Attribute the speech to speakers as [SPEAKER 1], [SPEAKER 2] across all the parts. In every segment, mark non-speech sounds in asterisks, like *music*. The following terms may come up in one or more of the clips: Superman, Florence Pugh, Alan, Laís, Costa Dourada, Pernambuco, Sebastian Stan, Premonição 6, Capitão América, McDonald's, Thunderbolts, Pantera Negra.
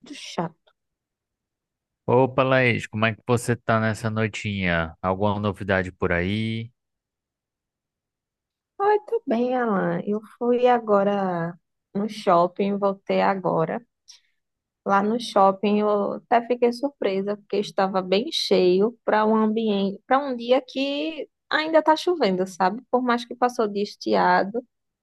[SPEAKER 1] Muito chato.
[SPEAKER 2] Opa, Laís, como é que você tá nessa noitinha? Alguma novidade por aí?
[SPEAKER 1] Ai, tô bem, Alan. Eu fui agora no shopping, voltei agora. Lá no shopping eu até fiquei surpresa, porque estava bem cheio para um ambiente, para um dia que ainda tá chovendo, sabe? Por mais que passou de estiado,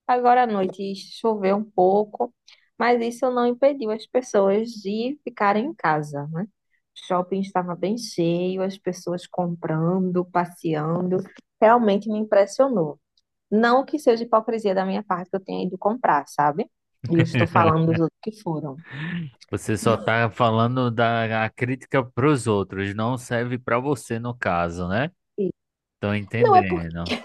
[SPEAKER 1] agora à noite choveu um pouco, mas isso não impediu as pessoas de ficarem em casa, né? O shopping estava bem cheio, as pessoas comprando, passeando. Realmente me impressionou. Não que seja hipocrisia da minha parte que eu tenha ido comprar, sabe? E eu estou falando dos outros que foram.
[SPEAKER 2] Você só tá falando da a crítica pros outros, não serve pra você no caso, né? Tô
[SPEAKER 1] Não,
[SPEAKER 2] entendendo.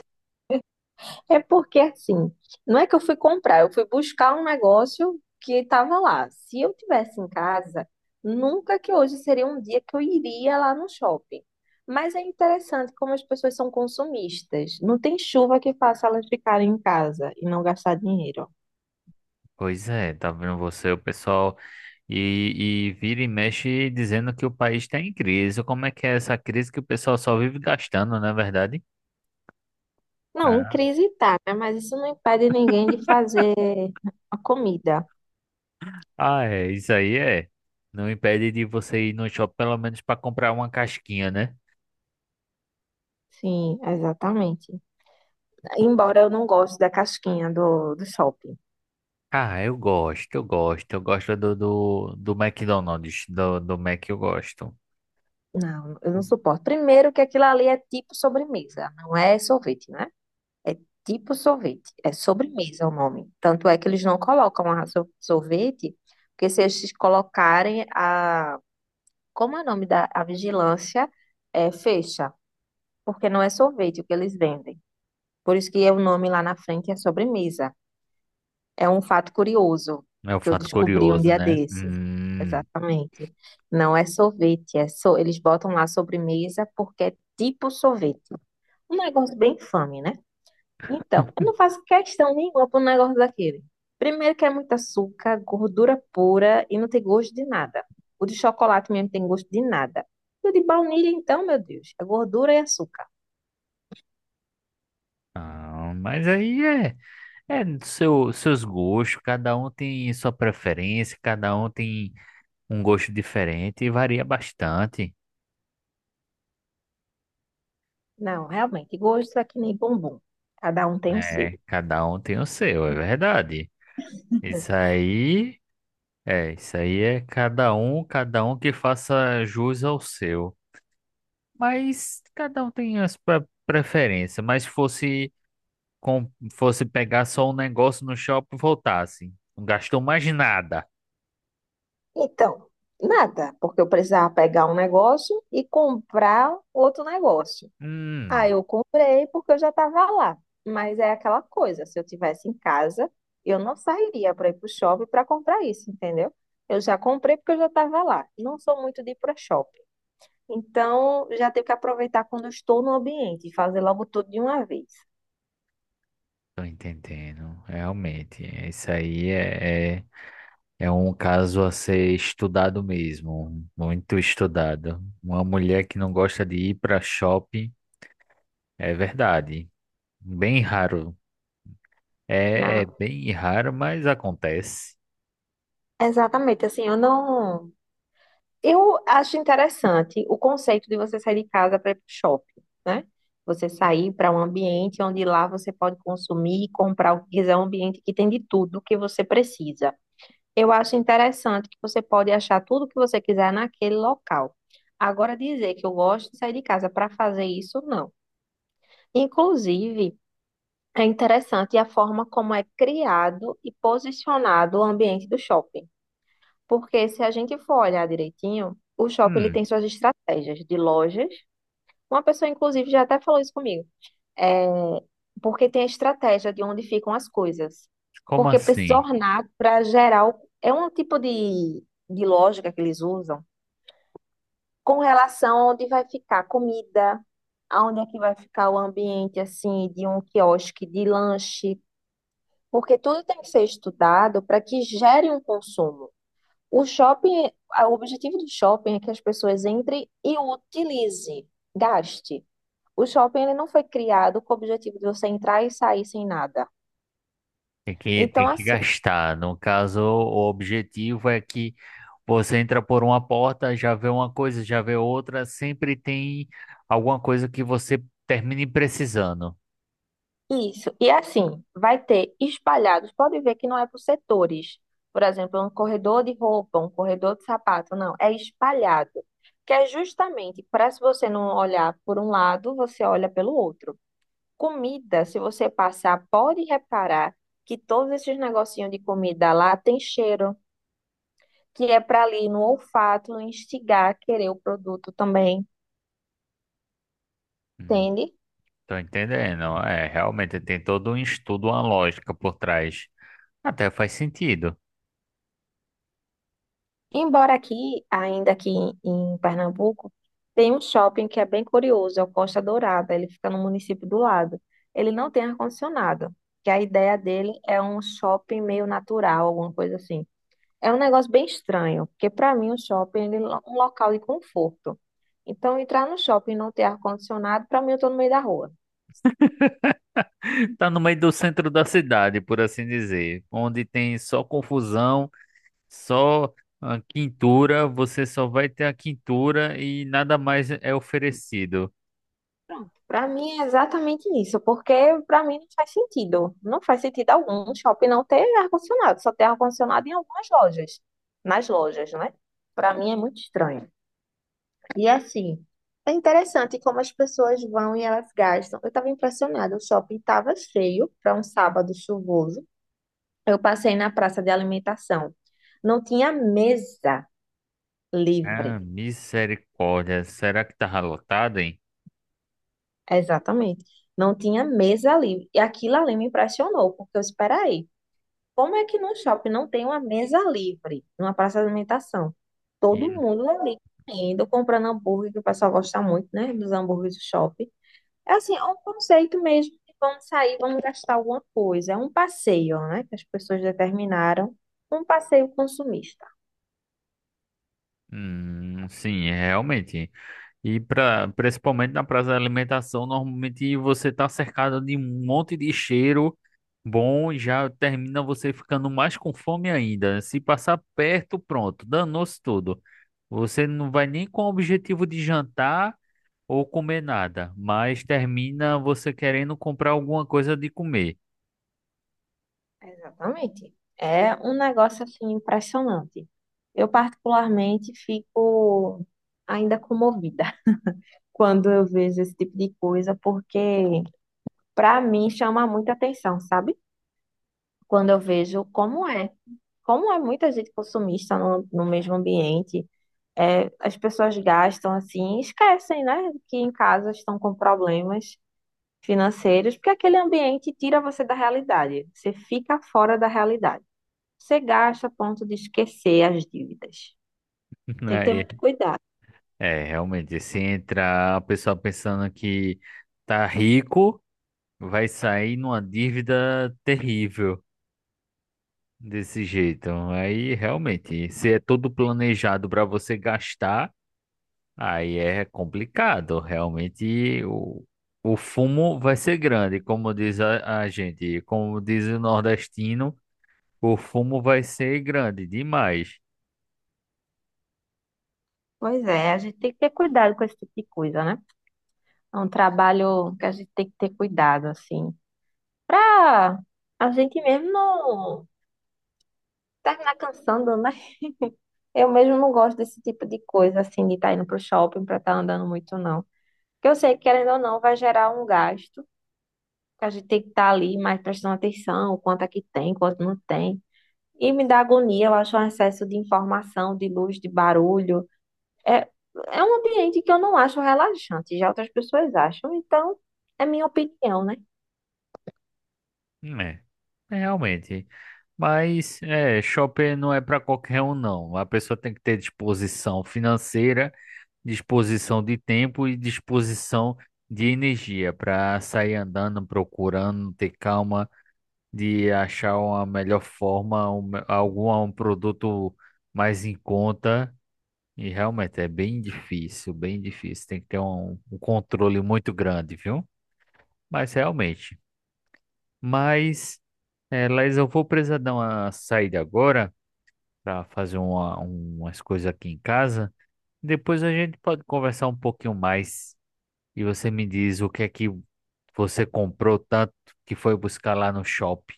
[SPEAKER 1] é porque assim, não é que eu fui comprar, eu fui buscar um negócio que estava lá. Se eu tivesse em casa, nunca que hoje seria um dia que eu iria lá no shopping. Mas é interessante como as pessoas são consumistas. Não tem chuva que faça elas ficarem em casa e não gastar dinheiro.
[SPEAKER 2] Pois é, tá vendo você, o pessoal, e vira e mexe dizendo que o país tá em crise. Como é que é essa crise que o pessoal só vive gastando, não é verdade?
[SPEAKER 1] Não, em
[SPEAKER 2] Ah,
[SPEAKER 1] crise tá, né? Mas isso não impede ninguém de fazer a comida.
[SPEAKER 2] ah, é, isso aí é. Não impede de você ir no shopping pelo menos pra comprar uma casquinha, né?
[SPEAKER 1] Sim, exatamente. Embora eu não goste da casquinha do shopping.
[SPEAKER 2] Ah, eu gosto, eu gosto. Eu gosto do McDonald's, do Mac eu gosto.
[SPEAKER 1] Não, eu não suporto. Primeiro que aquilo ali é tipo sobremesa, não é sorvete, né? Tipo sorvete, é sobremesa o nome. Tanto é que eles não colocam a sorvete, porque se eles colocarem a, como é o nome da a vigilância, é fecha, porque não é sorvete o que eles vendem. Por isso que é o nome lá na frente é sobremesa. É um fato curioso
[SPEAKER 2] É um
[SPEAKER 1] que eu
[SPEAKER 2] fato
[SPEAKER 1] descobri um
[SPEAKER 2] curioso,
[SPEAKER 1] dia
[SPEAKER 2] né?
[SPEAKER 1] desse. Exatamente. Não é sorvete, é so... eles botam lá sobremesa porque é tipo sorvete. Um negócio bem infame, né? Então, eu não faço questão nenhuma para um negócio daquele. Primeiro que é muito açúcar, gordura pura e não tem gosto de nada. O de chocolate mesmo tem gosto de nada. E o de baunilha, então, meu Deus, é gordura e açúcar.
[SPEAKER 2] Ah, mas aí é, é seu, seus gostos, cada um tem sua preferência, cada um tem um gosto diferente e varia bastante.
[SPEAKER 1] Não, realmente, gosto é que nem bombom. Cada um tem o seu.
[SPEAKER 2] É, cada um tem o seu, é verdade. Isso aí, isso aí é cada um que faça jus ao seu. Mas cada um tem as preferências. Mas se fosse com, fosse pegar só um negócio no shopping e voltasse, não gastou mais nada.
[SPEAKER 1] Então, nada, porque eu precisava pegar um negócio e comprar outro negócio. Aí
[SPEAKER 2] Hum,
[SPEAKER 1] eu comprei porque eu já estava lá. Mas é aquela coisa, se eu tivesse em casa, eu não sairia para ir para o shopping para comprar isso, entendeu? Eu já comprei porque eu já estava lá. Não sou muito de ir para shopping. Então, já tenho que aproveitar quando eu estou no ambiente e fazer logo tudo de uma vez.
[SPEAKER 2] tô entendendo. Realmente, é, isso aí é é um caso a ser estudado mesmo, muito estudado. Uma mulher que não gosta de ir para shopping. É verdade. Bem raro. É, é
[SPEAKER 1] Não,
[SPEAKER 2] bem raro, mas acontece.
[SPEAKER 1] exatamente, assim, eu não. Eu acho interessante o conceito de você sair de casa para ir para o shopping, né? Você sair para um ambiente onde lá você pode consumir e comprar o que quiser, um ambiente que tem de tudo que você precisa. Eu acho interessante que você pode achar tudo que você quiser naquele local. Agora, dizer que eu gosto de sair de casa para fazer isso, não. Inclusive, é interessante a forma como é criado e posicionado o ambiente do shopping. Porque se a gente for olhar direitinho, o shopping ele
[SPEAKER 2] Hum,
[SPEAKER 1] tem suas estratégias de lojas. Uma pessoa, inclusive, já até falou isso comigo. É, porque tem a estratégia de onde ficam as coisas.
[SPEAKER 2] como
[SPEAKER 1] Porque precisa
[SPEAKER 2] assim?
[SPEAKER 1] ornar para gerar. É um tipo de lógica que eles usam com relação a onde vai ficar a comida, aonde é que vai ficar o ambiente assim de um quiosque de lanche. Porque tudo tem que ser estudado para que gere um consumo. O shopping, o objetivo do shopping é que as pessoas entrem e o utilize, gaste. O shopping ele não foi criado com o objetivo de você entrar e sair sem nada.
[SPEAKER 2] Tem que,
[SPEAKER 1] Então,
[SPEAKER 2] tem que
[SPEAKER 1] assim,
[SPEAKER 2] gastar. No caso, o objetivo é que você entra por uma porta, já vê uma coisa, já vê outra, sempre tem alguma coisa que você termine precisando.
[SPEAKER 1] isso. E assim, vai ter espalhados. Pode ver que não é por setores. Por exemplo, um corredor de roupa, um corredor de sapato. Não, é espalhado. Que é justamente para se você não olhar por um lado, você olha pelo outro. Comida, se você passar, pode reparar que todos esses negocinhos de comida lá tem cheiro, que é para ali no olfato instigar a querer o produto também,
[SPEAKER 2] Hum,
[SPEAKER 1] entende?
[SPEAKER 2] tô entendendo. É, realmente tem todo um estudo, uma lógica por trás. Até faz sentido.
[SPEAKER 1] Embora aqui, ainda aqui em Pernambuco, tem um shopping que é bem curioso, é o Costa Dourada, ele fica no município do lado. Ele não tem ar-condicionado, que a ideia dele é um shopping meio natural, alguma coisa assim. É um negócio bem estranho, porque para mim o shopping ele é um local de conforto. Então, entrar no shopping e não ter ar-condicionado, para mim eu estou no meio da rua.
[SPEAKER 2] Tá no meio do centro da cidade, por assim dizer, onde tem só confusão, só ah, quintura, você só vai ter a quintura e nada mais é oferecido.
[SPEAKER 1] Pronto. Para mim é exatamente isso, porque para mim não faz sentido. Não faz sentido algum o shopping não ter ar-condicionado, só ter ar-condicionado em algumas lojas, nas lojas, né? Para mim é muito estranho. E assim, é interessante como as pessoas vão e elas gastam. Eu estava impressionada, o shopping estava cheio para um sábado chuvoso. Eu passei na praça de alimentação. Não tinha mesa
[SPEAKER 2] Ah,
[SPEAKER 1] livre.
[SPEAKER 2] misericórdia, será que tá lotado, hein?
[SPEAKER 1] Exatamente. Não tinha mesa livre. E aquilo ali me impressionou, porque eu esperei. Como é que num shopping não tem uma mesa livre, numa praça de alimentação? Todo
[SPEAKER 2] E,
[SPEAKER 1] mundo ali indo, comprando hambúrguer, que o pessoal gosta muito, né? Dos hambúrgueres do shopping. É assim, é um conceito mesmo de vamos sair, vamos gastar alguma coisa. É um passeio, né? Que as pessoas determinaram. Um passeio consumista.
[SPEAKER 2] sim, realmente. E pra, principalmente na praça da alimentação, normalmente você tá cercado de um monte de cheiro bom e já termina você ficando mais com fome ainda. Se passar perto, pronto, danou-se tudo. Você não vai nem com o objetivo de jantar ou comer nada, mas termina você querendo comprar alguma coisa de comer.
[SPEAKER 1] Exatamente. É um negócio assim impressionante. Eu particularmente fico ainda comovida *laughs* quando eu vejo esse tipo de coisa, porque para mim chama muita atenção, sabe? Quando eu vejo como é muita gente consumista no mesmo ambiente, é, as pessoas gastam assim, esquecem, né, que em casa estão com problemas financeiros, porque aquele ambiente tira você da realidade, você fica fora da realidade. Você gasta a ponto de esquecer as dívidas.
[SPEAKER 2] *laughs*
[SPEAKER 1] Tem que ter
[SPEAKER 2] Aí,
[SPEAKER 1] muito cuidado.
[SPEAKER 2] é, realmente, se entra a pessoa pensando que tá rico, vai sair numa dívida terrível. Desse jeito. Aí realmente, se é todo planejado para você gastar, aí é complicado. Realmente o fumo vai ser grande, como diz a gente, como diz o nordestino, o fumo vai ser grande demais.
[SPEAKER 1] Pois é, a gente tem que ter cuidado com esse tipo de coisa, né? É um trabalho que a gente tem que ter cuidado, assim, pra a gente mesmo não terminar cansando, né? Eu mesmo não gosto desse tipo de coisa, assim, de estar indo pro shopping pra estar andando muito, não. Porque eu sei que, querendo ou não, vai gerar um gasto, que a gente tem que estar ali mais prestando atenção, quanto é que tem, quanto não tem. E me dá agonia, eu acho um excesso de informação, de luz, de barulho. É, é um ambiente que eu não acho relaxante, já outras pessoas acham, então é minha opinião, né?
[SPEAKER 2] É, é realmente. Mas é, shopping não é para qualquer um, não. A pessoa tem que ter disposição financeira, disposição de tempo e disposição de energia para sair andando, procurando, ter calma de achar uma melhor forma, um, algum um produto mais em conta. E realmente é bem difícil, bem difícil. Tem que ter um controle muito grande, viu? Mas realmente. Mas, é, Laís, eu vou precisar dar uma saída agora para fazer uma, umas coisas aqui em casa. Depois a gente pode conversar um pouquinho mais. E você me diz o que é que você comprou tanto que foi buscar lá no shopping,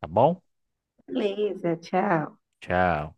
[SPEAKER 2] tá bom?
[SPEAKER 1] Beleza, tchau.
[SPEAKER 2] Tchau.